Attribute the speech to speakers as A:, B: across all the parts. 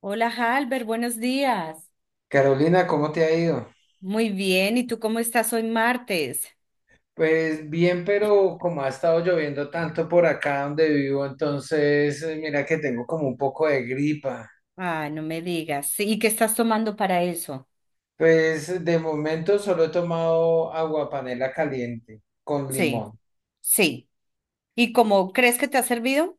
A: Hola, Halber, buenos días.
B: Carolina, ¿cómo te ha ido?
A: Muy bien, ¿y tú cómo estás hoy martes?
B: Pues bien, pero como ha estado lloviendo tanto por acá donde vivo, entonces mira que tengo como un poco de gripa.
A: Ah, no me digas. Sí, ¿y qué estás tomando para eso?
B: Pues de momento solo he tomado agua panela caliente con
A: Sí,
B: limón.
A: sí. ¿Y cómo crees que te ha servido?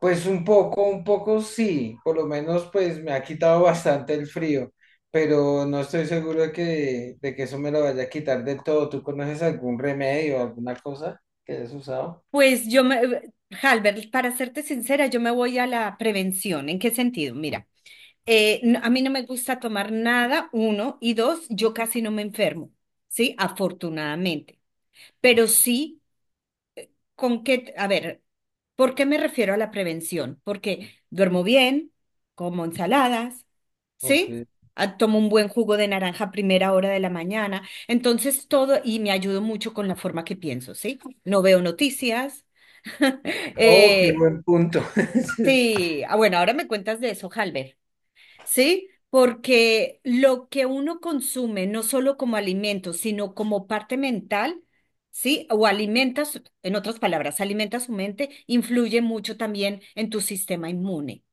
B: Pues un poco sí, por lo menos pues me ha quitado bastante el frío, pero no estoy seguro de que eso me lo vaya a quitar del todo. ¿Tú conoces algún remedio, alguna cosa que hayas usado?
A: Pues yo me, Halber, para serte sincera, yo me voy a la prevención. ¿En qué sentido? Mira, a mí no me gusta tomar nada, uno, y dos, yo casi no me enfermo, ¿sí? Afortunadamente. Pero sí ¿con qué? A ver, ¿por qué me refiero a la prevención? Porque duermo bien, como ensaladas,
B: Ok.
A: ¿sí? Ah, tomo un buen jugo de naranja a primera hora de la mañana. Entonces todo, y me ayudo mucho con la forma que pienso, ¿sí? No veo noticias.
B: Oh, qué
A: Eh,
B: buen punto.
A: sí, ah, bueno, ahora me cuentas de eso, Halber. ¿Sí? Porque lo que uno consume, no solo como alimento, sino como parte mental, ¿sí? O alimentas, en otras palabras, alimenta su mente, influye mucho también en tu sistema inmune.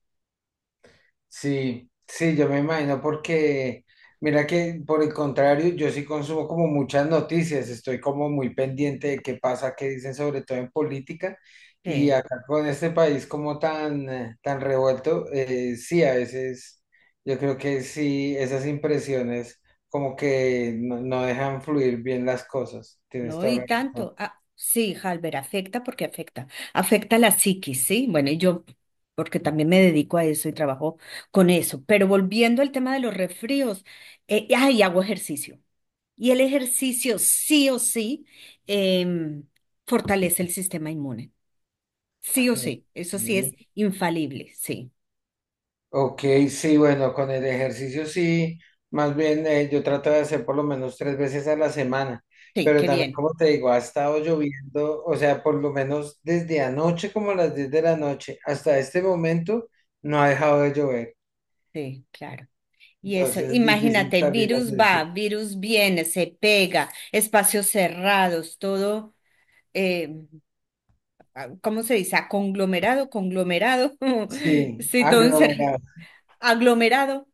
B: Sí, sí, yo me imagino porque, mira que por el contrario, yo sí consumo como muchas noticias, estoy como muy pendiente de qué pasa, qué dicen, sobre todo en política, y
A: Sí.
B: acá con este país como tan revuelto, sí, a veces yo creo que sí, esas impresiones como que no dejan fluir bien las cosas, tienes
A: ¿No?
B: toda
A: Y
B: la
A: tanto. Ah, sí, Halber, afecta porque afecta. Afecta la psiquis, ¿sí? Bueno, y yo, porque también me dedico a eso y trabajo con eso. Pero volviendo al tema de los resfríos, ay, hago ejercicio. Y el ejercicio sí o sí em, fortalece el sistema inmune. Sí o
B: razón.
A: sí, eso sí es infalible, sí.
B: Ok, sí, bueno, con el ejercicio sí, más bien yo trato de hacer por lo menos tres veces a la semana,
A: Sí,
B: pero
A: qué
B: también
A: bien.
B: como te digo, ha estado lloviendo, o sea, por lo menos desde anoche como a las 10 de la noche hasta este momento no ha dejado de llover,
A: Sí, claro. Y eso,
B: entonces es difícil
A: imagínate,
B: salir a
A: virus
B: hacer
A: va,
B: ejercicio.
A: virus viene, se pega, espacios cerrados, todo, eh, ah, ¿cómo se dice? Ah, conglomerado, conglomerado.
B: Sí,
A: Sí, todo encerrado.
B: aglomerado,
A: Aglomerado.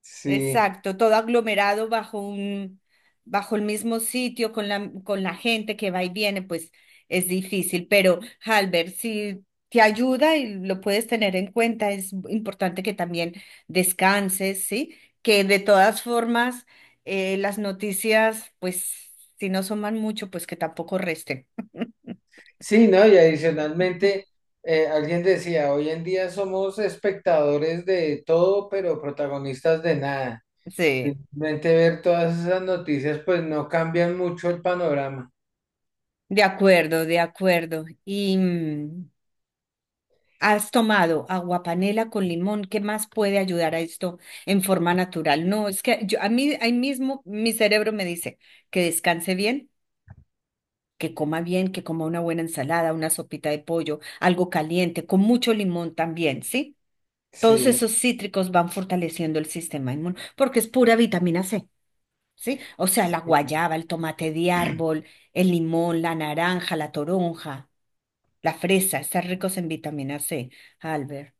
B: sí,
A: Exacto, todo aglomerado bajo un, bajo el mismo sitio con la gente que va y viene, pues es difícil, pero Halber, si te ayuda y lo puedes tener en cuenta, es importante que también descanses, ¿sí? Que de todas formas las noticias, pues si no suman mucho, pues que tampoco resten.
B: sí, ¿no? Y adicionalmente, alguien decía, hoy en día somos espectadores de todo, pero protagonistas de nada.
A: Sí,
B: Simplemente ver todas esas noticias, pues no cambian mucho el panorama.
A: de acuerdo, de acuerdo. Y, has tomado aguapanela con limón, ¿qué más puede ayudar a esto en forma natural? No, es que yo, a mí ahí mismo mi cerebro me dice que descanse bien, que coma una buena ensalada, una sopita de pollo, algo caliente, con mucho limón también, ¿sí? Todos
B: Sí,
A: esos cítricos van fortaleciendo el sistema inmune porque es pura vitamina C, ¿sí? O sea, la
B: sí,
A: guayaba, el tomate de árbol, el limón, la naranja, la toronja, la fresa, están ricos en vitamina C, Albert.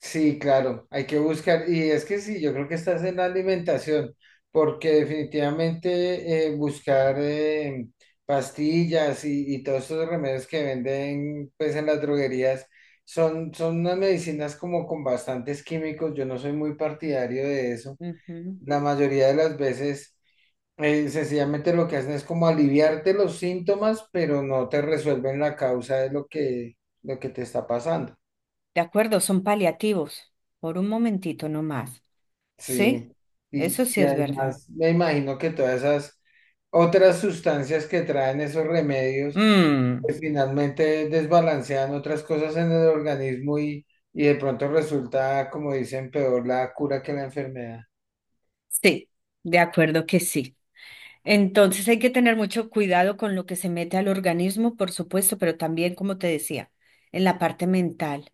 B: sí, claro, hay que buscar. Y es que sí, yo creo que estás en la alimentación, porque definitivamente buscar pastillas y todos estos remedios que venden pues en las droguerías son unas medicinas como con bastantes químicos. Yo no soy muy partidario de eso.
A: Ujú.
B: La mayoría de las veces sencillamente lo que hacen es como aliviarte los síntomas, pero no te resuelven la causa de lo que te está pasando.
A: De acuerdo, son paliativos. Por un momentito nomás. ¿Sí?
B: Sí. Y,
A: Eso sí
B: y
A: es verdad.
B: además me imagino que todas esas otras sustancias que traen esos remedios,
A: Mm,
B: pues finalmente desbalancean otras cosas en el organismo y de pronto resulta, como dicen, peor la cura que la enfermedad.
A: sí, de acuerdo que sí. Entonces hay que tener mucho cuidado con lo que se mete al organismo, por supuesto, pero también, como te decía, en la parte mental,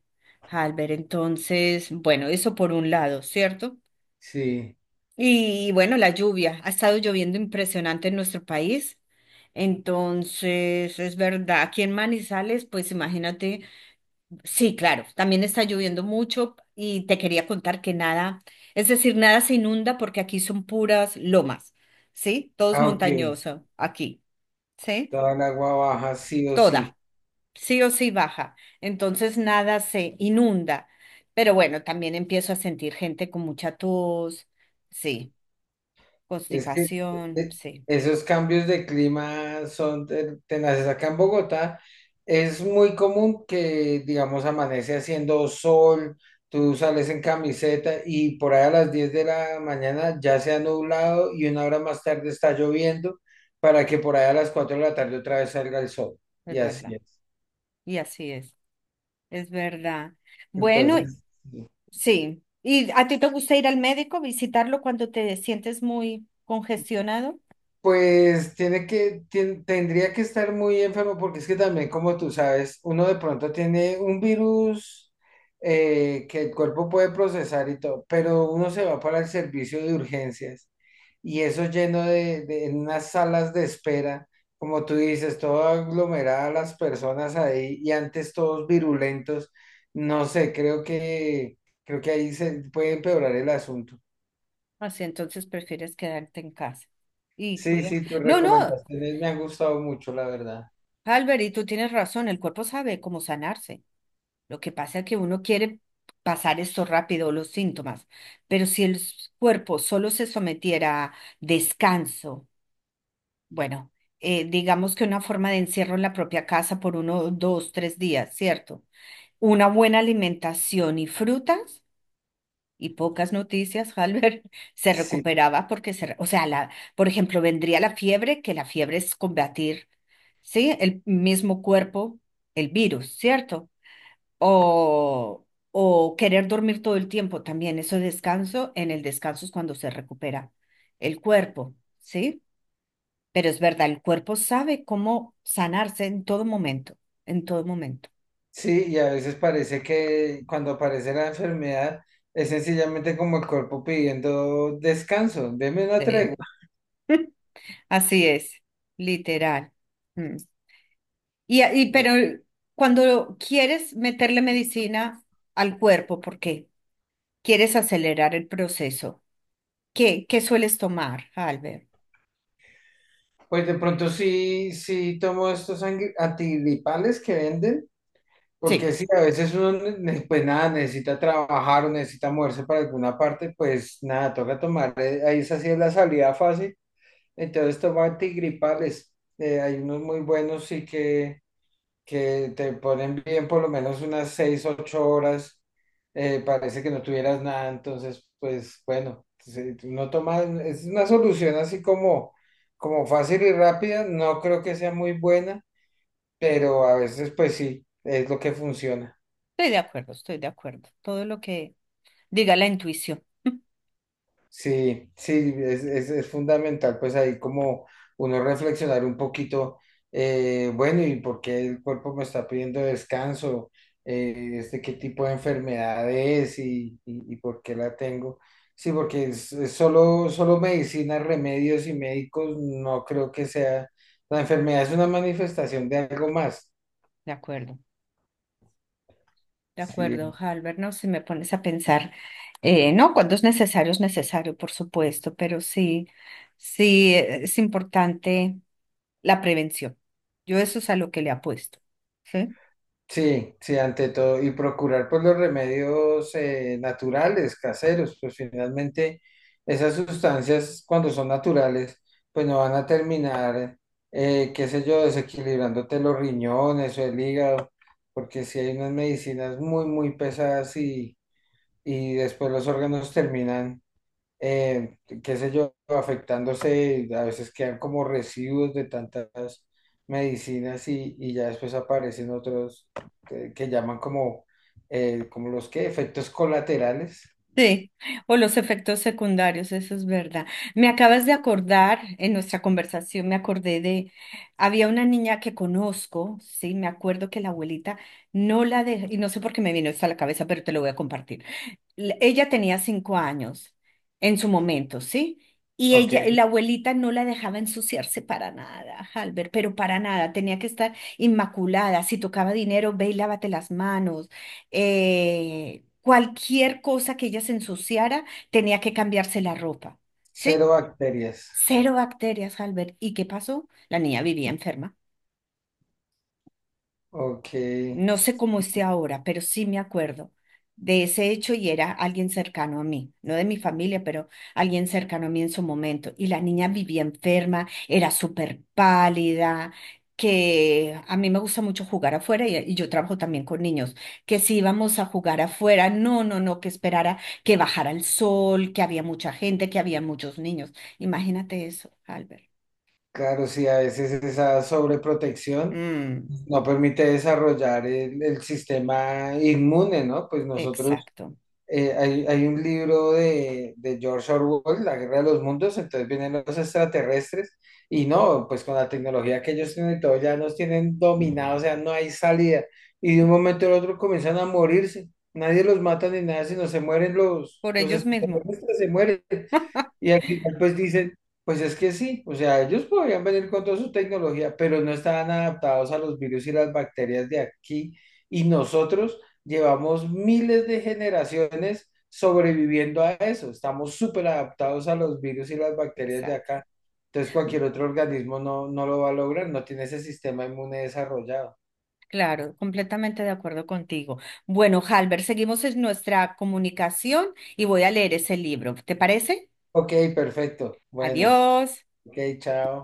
A: Albert. Entonces, bueno, eso por un lado, ¿cierto?
B: Sí.
A: Y bueno, la lluvia. Ha estado lloviendo impresionante en nuestro país. Entonces, es verdad, aquí en Manizales, pues imagínate. Sí, claro, también está lloviendo mucho y te quería contar que nada, es decir, nada se inunda porque aquí son puras lomas, ¿sí? Todo es
B: Ah, ok.
A: montañoso aquí, ¿sí?
B: Toda el agua baja, sí o sí.
A: Toda, sí o sí baja, entonces nada se inunda, pero bueno, también empiezo a sentir gente con mucha tos, sí,
B: Es que
A: constipación,
B: eh,
A: sí,
B: esos cambios de clima son tenaces. Acá en Bogotá es muy común que, digamos, amanece haciendo sol, tú sales en camiseta y por ahí a las 10 de la mañana ya se ha nublado y una hora más tarde está lloviendo para que por ahí a las 4 de la tarde otra vez salga el sol. Y
A: es verdad,
B: así es.
A: y así es verdad. Bueno,
B: Entonces,
A: sí. ¿Y a ti te gusta ir al médico, visitarlo cuando te sientes muy congestionado?
B: pues tendría que estar muy enfermo porque es que también, como tú sabes, uno de pronto tiene un virus que el cuerpo puede procesar y todo, pero uno se va para el servicio de urgencias y eso lleno de en unas salas de espera, como tú dices, todo aglomerada las personas ahí y antes todos virulentos, no sé, creo que ahí se puede empeorar el asunto.
A: Así entonces prefieres quedarte en casa y
B: Sí,
A: cuidar.
B: sí, tus
A: No, no,
B: recomendaciones me han gustado mucho, la verdad.
A: Albert, y tú tienes razón, el cuerpo sabe cómo sanarse. Lo que pasa es que uno quiere pasar esto rápido, los síntomas, pero si cuerpo solo se sometiera a descanso, bueno, digamos que una forma de encierro en la propia casa por uno, dos, tres días, ¿cierto? Una buena alimentación y frutas. Y pocas noticias, Halber, se
B: Sí,
A: recuperaba porque o sea, la, por ejemplo, vendría la fiebre, que la fiebre es combatir, ¿sí? El mismo cuerpo, el virus, ¿cierto? O, o querer dormir todo el tiempo, también eso descanso, en el descanso es cuando se recupera el cuerpo, ¿sí? Pero es verdad, el cuerpo sabe cómo sanarse en todo momento, en todo momento.
B: sí, y a veces parece que cuando aparece la enfermedad es sencillamente como el cuerpo pidiendo descanso, deme una
A: Sí.
B: tregua.
A: Así es, literal. Mm. Y
B: Y,
A: pero cuando quieres meterle medicina al cuerpo, porque quieres acelerar el proceso, ¿qué, qué sueles tomar, Albert?
B: Pues de pronto sí, sí tomo estos antigripales que venden, porque
A: Sí,
B: sí, a veces uno, pues nada, necesita trabajar o necesita moverse para alguna parte, pues nada, toca tomar, ahí esa sí es la salida fácil, entonces tomo antigripales, hay unos muy buenos sí que te ponen bien por lo menos unas 6, 8 horas, parece que no tuvieras nada, entonces, pues bueno, si no tomas, es una solución así como fácil y rápida, no creo que sea muy buena, pero a veces pues sí, es lo que funciona.
A: estoy de acuerdo, estoy de acuerdo. Todo lo que diga la intuición.
B: Sí, sí, es fundamental, pues ahí como uno reflexionar un poquito, bueno, ¿y por qué el cuerpo me está pidiendo descanso? ¿Qué tipo de enfermedad es y por qué la tengo? Sí, porque es solo, solo medicina, remedios y médicos, no creo que sea, la enfermedad es una manifestación de algo más.
A: De acuerdo, de
B: Sí,
A: acuerdo, Albert, no si me pones a pensar, no, cuando es necesario, por supuesto, pero sí, sí es importante la prevención. Yo eso es a lo que le apuesto, ¿sí?
B: sí, sí, ante todo, y procurar pues los remedios naturales, caseros, pues finalmente esas sustancias cuando son naturales, pues no van a terminar, qué sé yo, desequilibrándote los riñones o el hígado, porque si hay unas medicinas muy, muy pesadas y después los órganos terminan qué sé yo, afectándose, a veces quedan como residuos de tantas medicinas y ya después aparecen otros que llaman como los que, efectos colaterales.
A: Sí, o los efectos secundarios, eso es verdad. Me acabas de acordar, en nuestra conversación me acordé de, había una niña que conozco, sí, me acuerdo que la abuelita no la dejó, y no sé por qué me vino esto a la cabeza, pero te lo voy a compartir ella tenía 5 años en su momento, ¿sí? Y
B: Ok.
A: ella, la abuelita no la dejaba ensuciarse para nada, Albert, pero para nada, tenía que estar inmaculada. Si tocaba dinero, ve y lávate las manos. Cualquier cosa que ella se ensuciara, tenía que cambiarse la ropa,
B: Cero
A: ¿sí?
B: bacterias.
A: Cero bacterias, Albert. ¿Y qué pasó? La niña vivía enferma.
B: Ok,
A: No sé cómo esté ahora, pero sí me acuerdo de ese hecho y era alguien cercano a mí, no de mi familia, pero alguien cercano a mí en su momento. Y la niña vivía enferma, era súper pálida, que a mí me gusta mucho jugar afuera y yo trabajo también con niños, que si íbamos a jugar afuera, no, no, no, que esperara que bajara el sol, que había mucha gente, que había muchos niños. Imagínate eso, Albert.
B: claro, sí, a veces esa sobreprotección
A: Mm,
B: no permite desarrollar el sistema inmune, ¿no? Pues nosotros
A: exacto.
B: hay un libro de George Orwell, La Guerra de los Mundos, entonces vienen los extraterrestres y no, pues con la tecnología que ellos tienen y todo, ya nos tienen dominados, o sea, no hay salida. Y de un momento al otro comienzan a morirse. Nadie los mata ni nada, sino se mueren los,
A: Por
B: los
A: ellos mismos.
B: extraterrestres, se mueren. Y al final pues dicen, pues es que sí, o sea, ellos podrían venir con toda su tecnología, pero no estaban adaptados a los virus y las bacterias de aquí. Y nosotros llevamos miles de generaciones sobreviviendo a eso. Estamos súper adaptados a los virus y las bacterias de
A: Exacto.
B: acá. Entonces cualquier otro organismo no lo va a lograr, no tiene ese sistema inmune desarrollado.
A: Claro, completamente de acuerdo contigo. Bueno, Halber, seguimos en nuestra comunicación y voy a leer ese libro. ¿Te parece?
B: Ok, perfecto. Bueno,
A: Adiós.
B: ok, chao.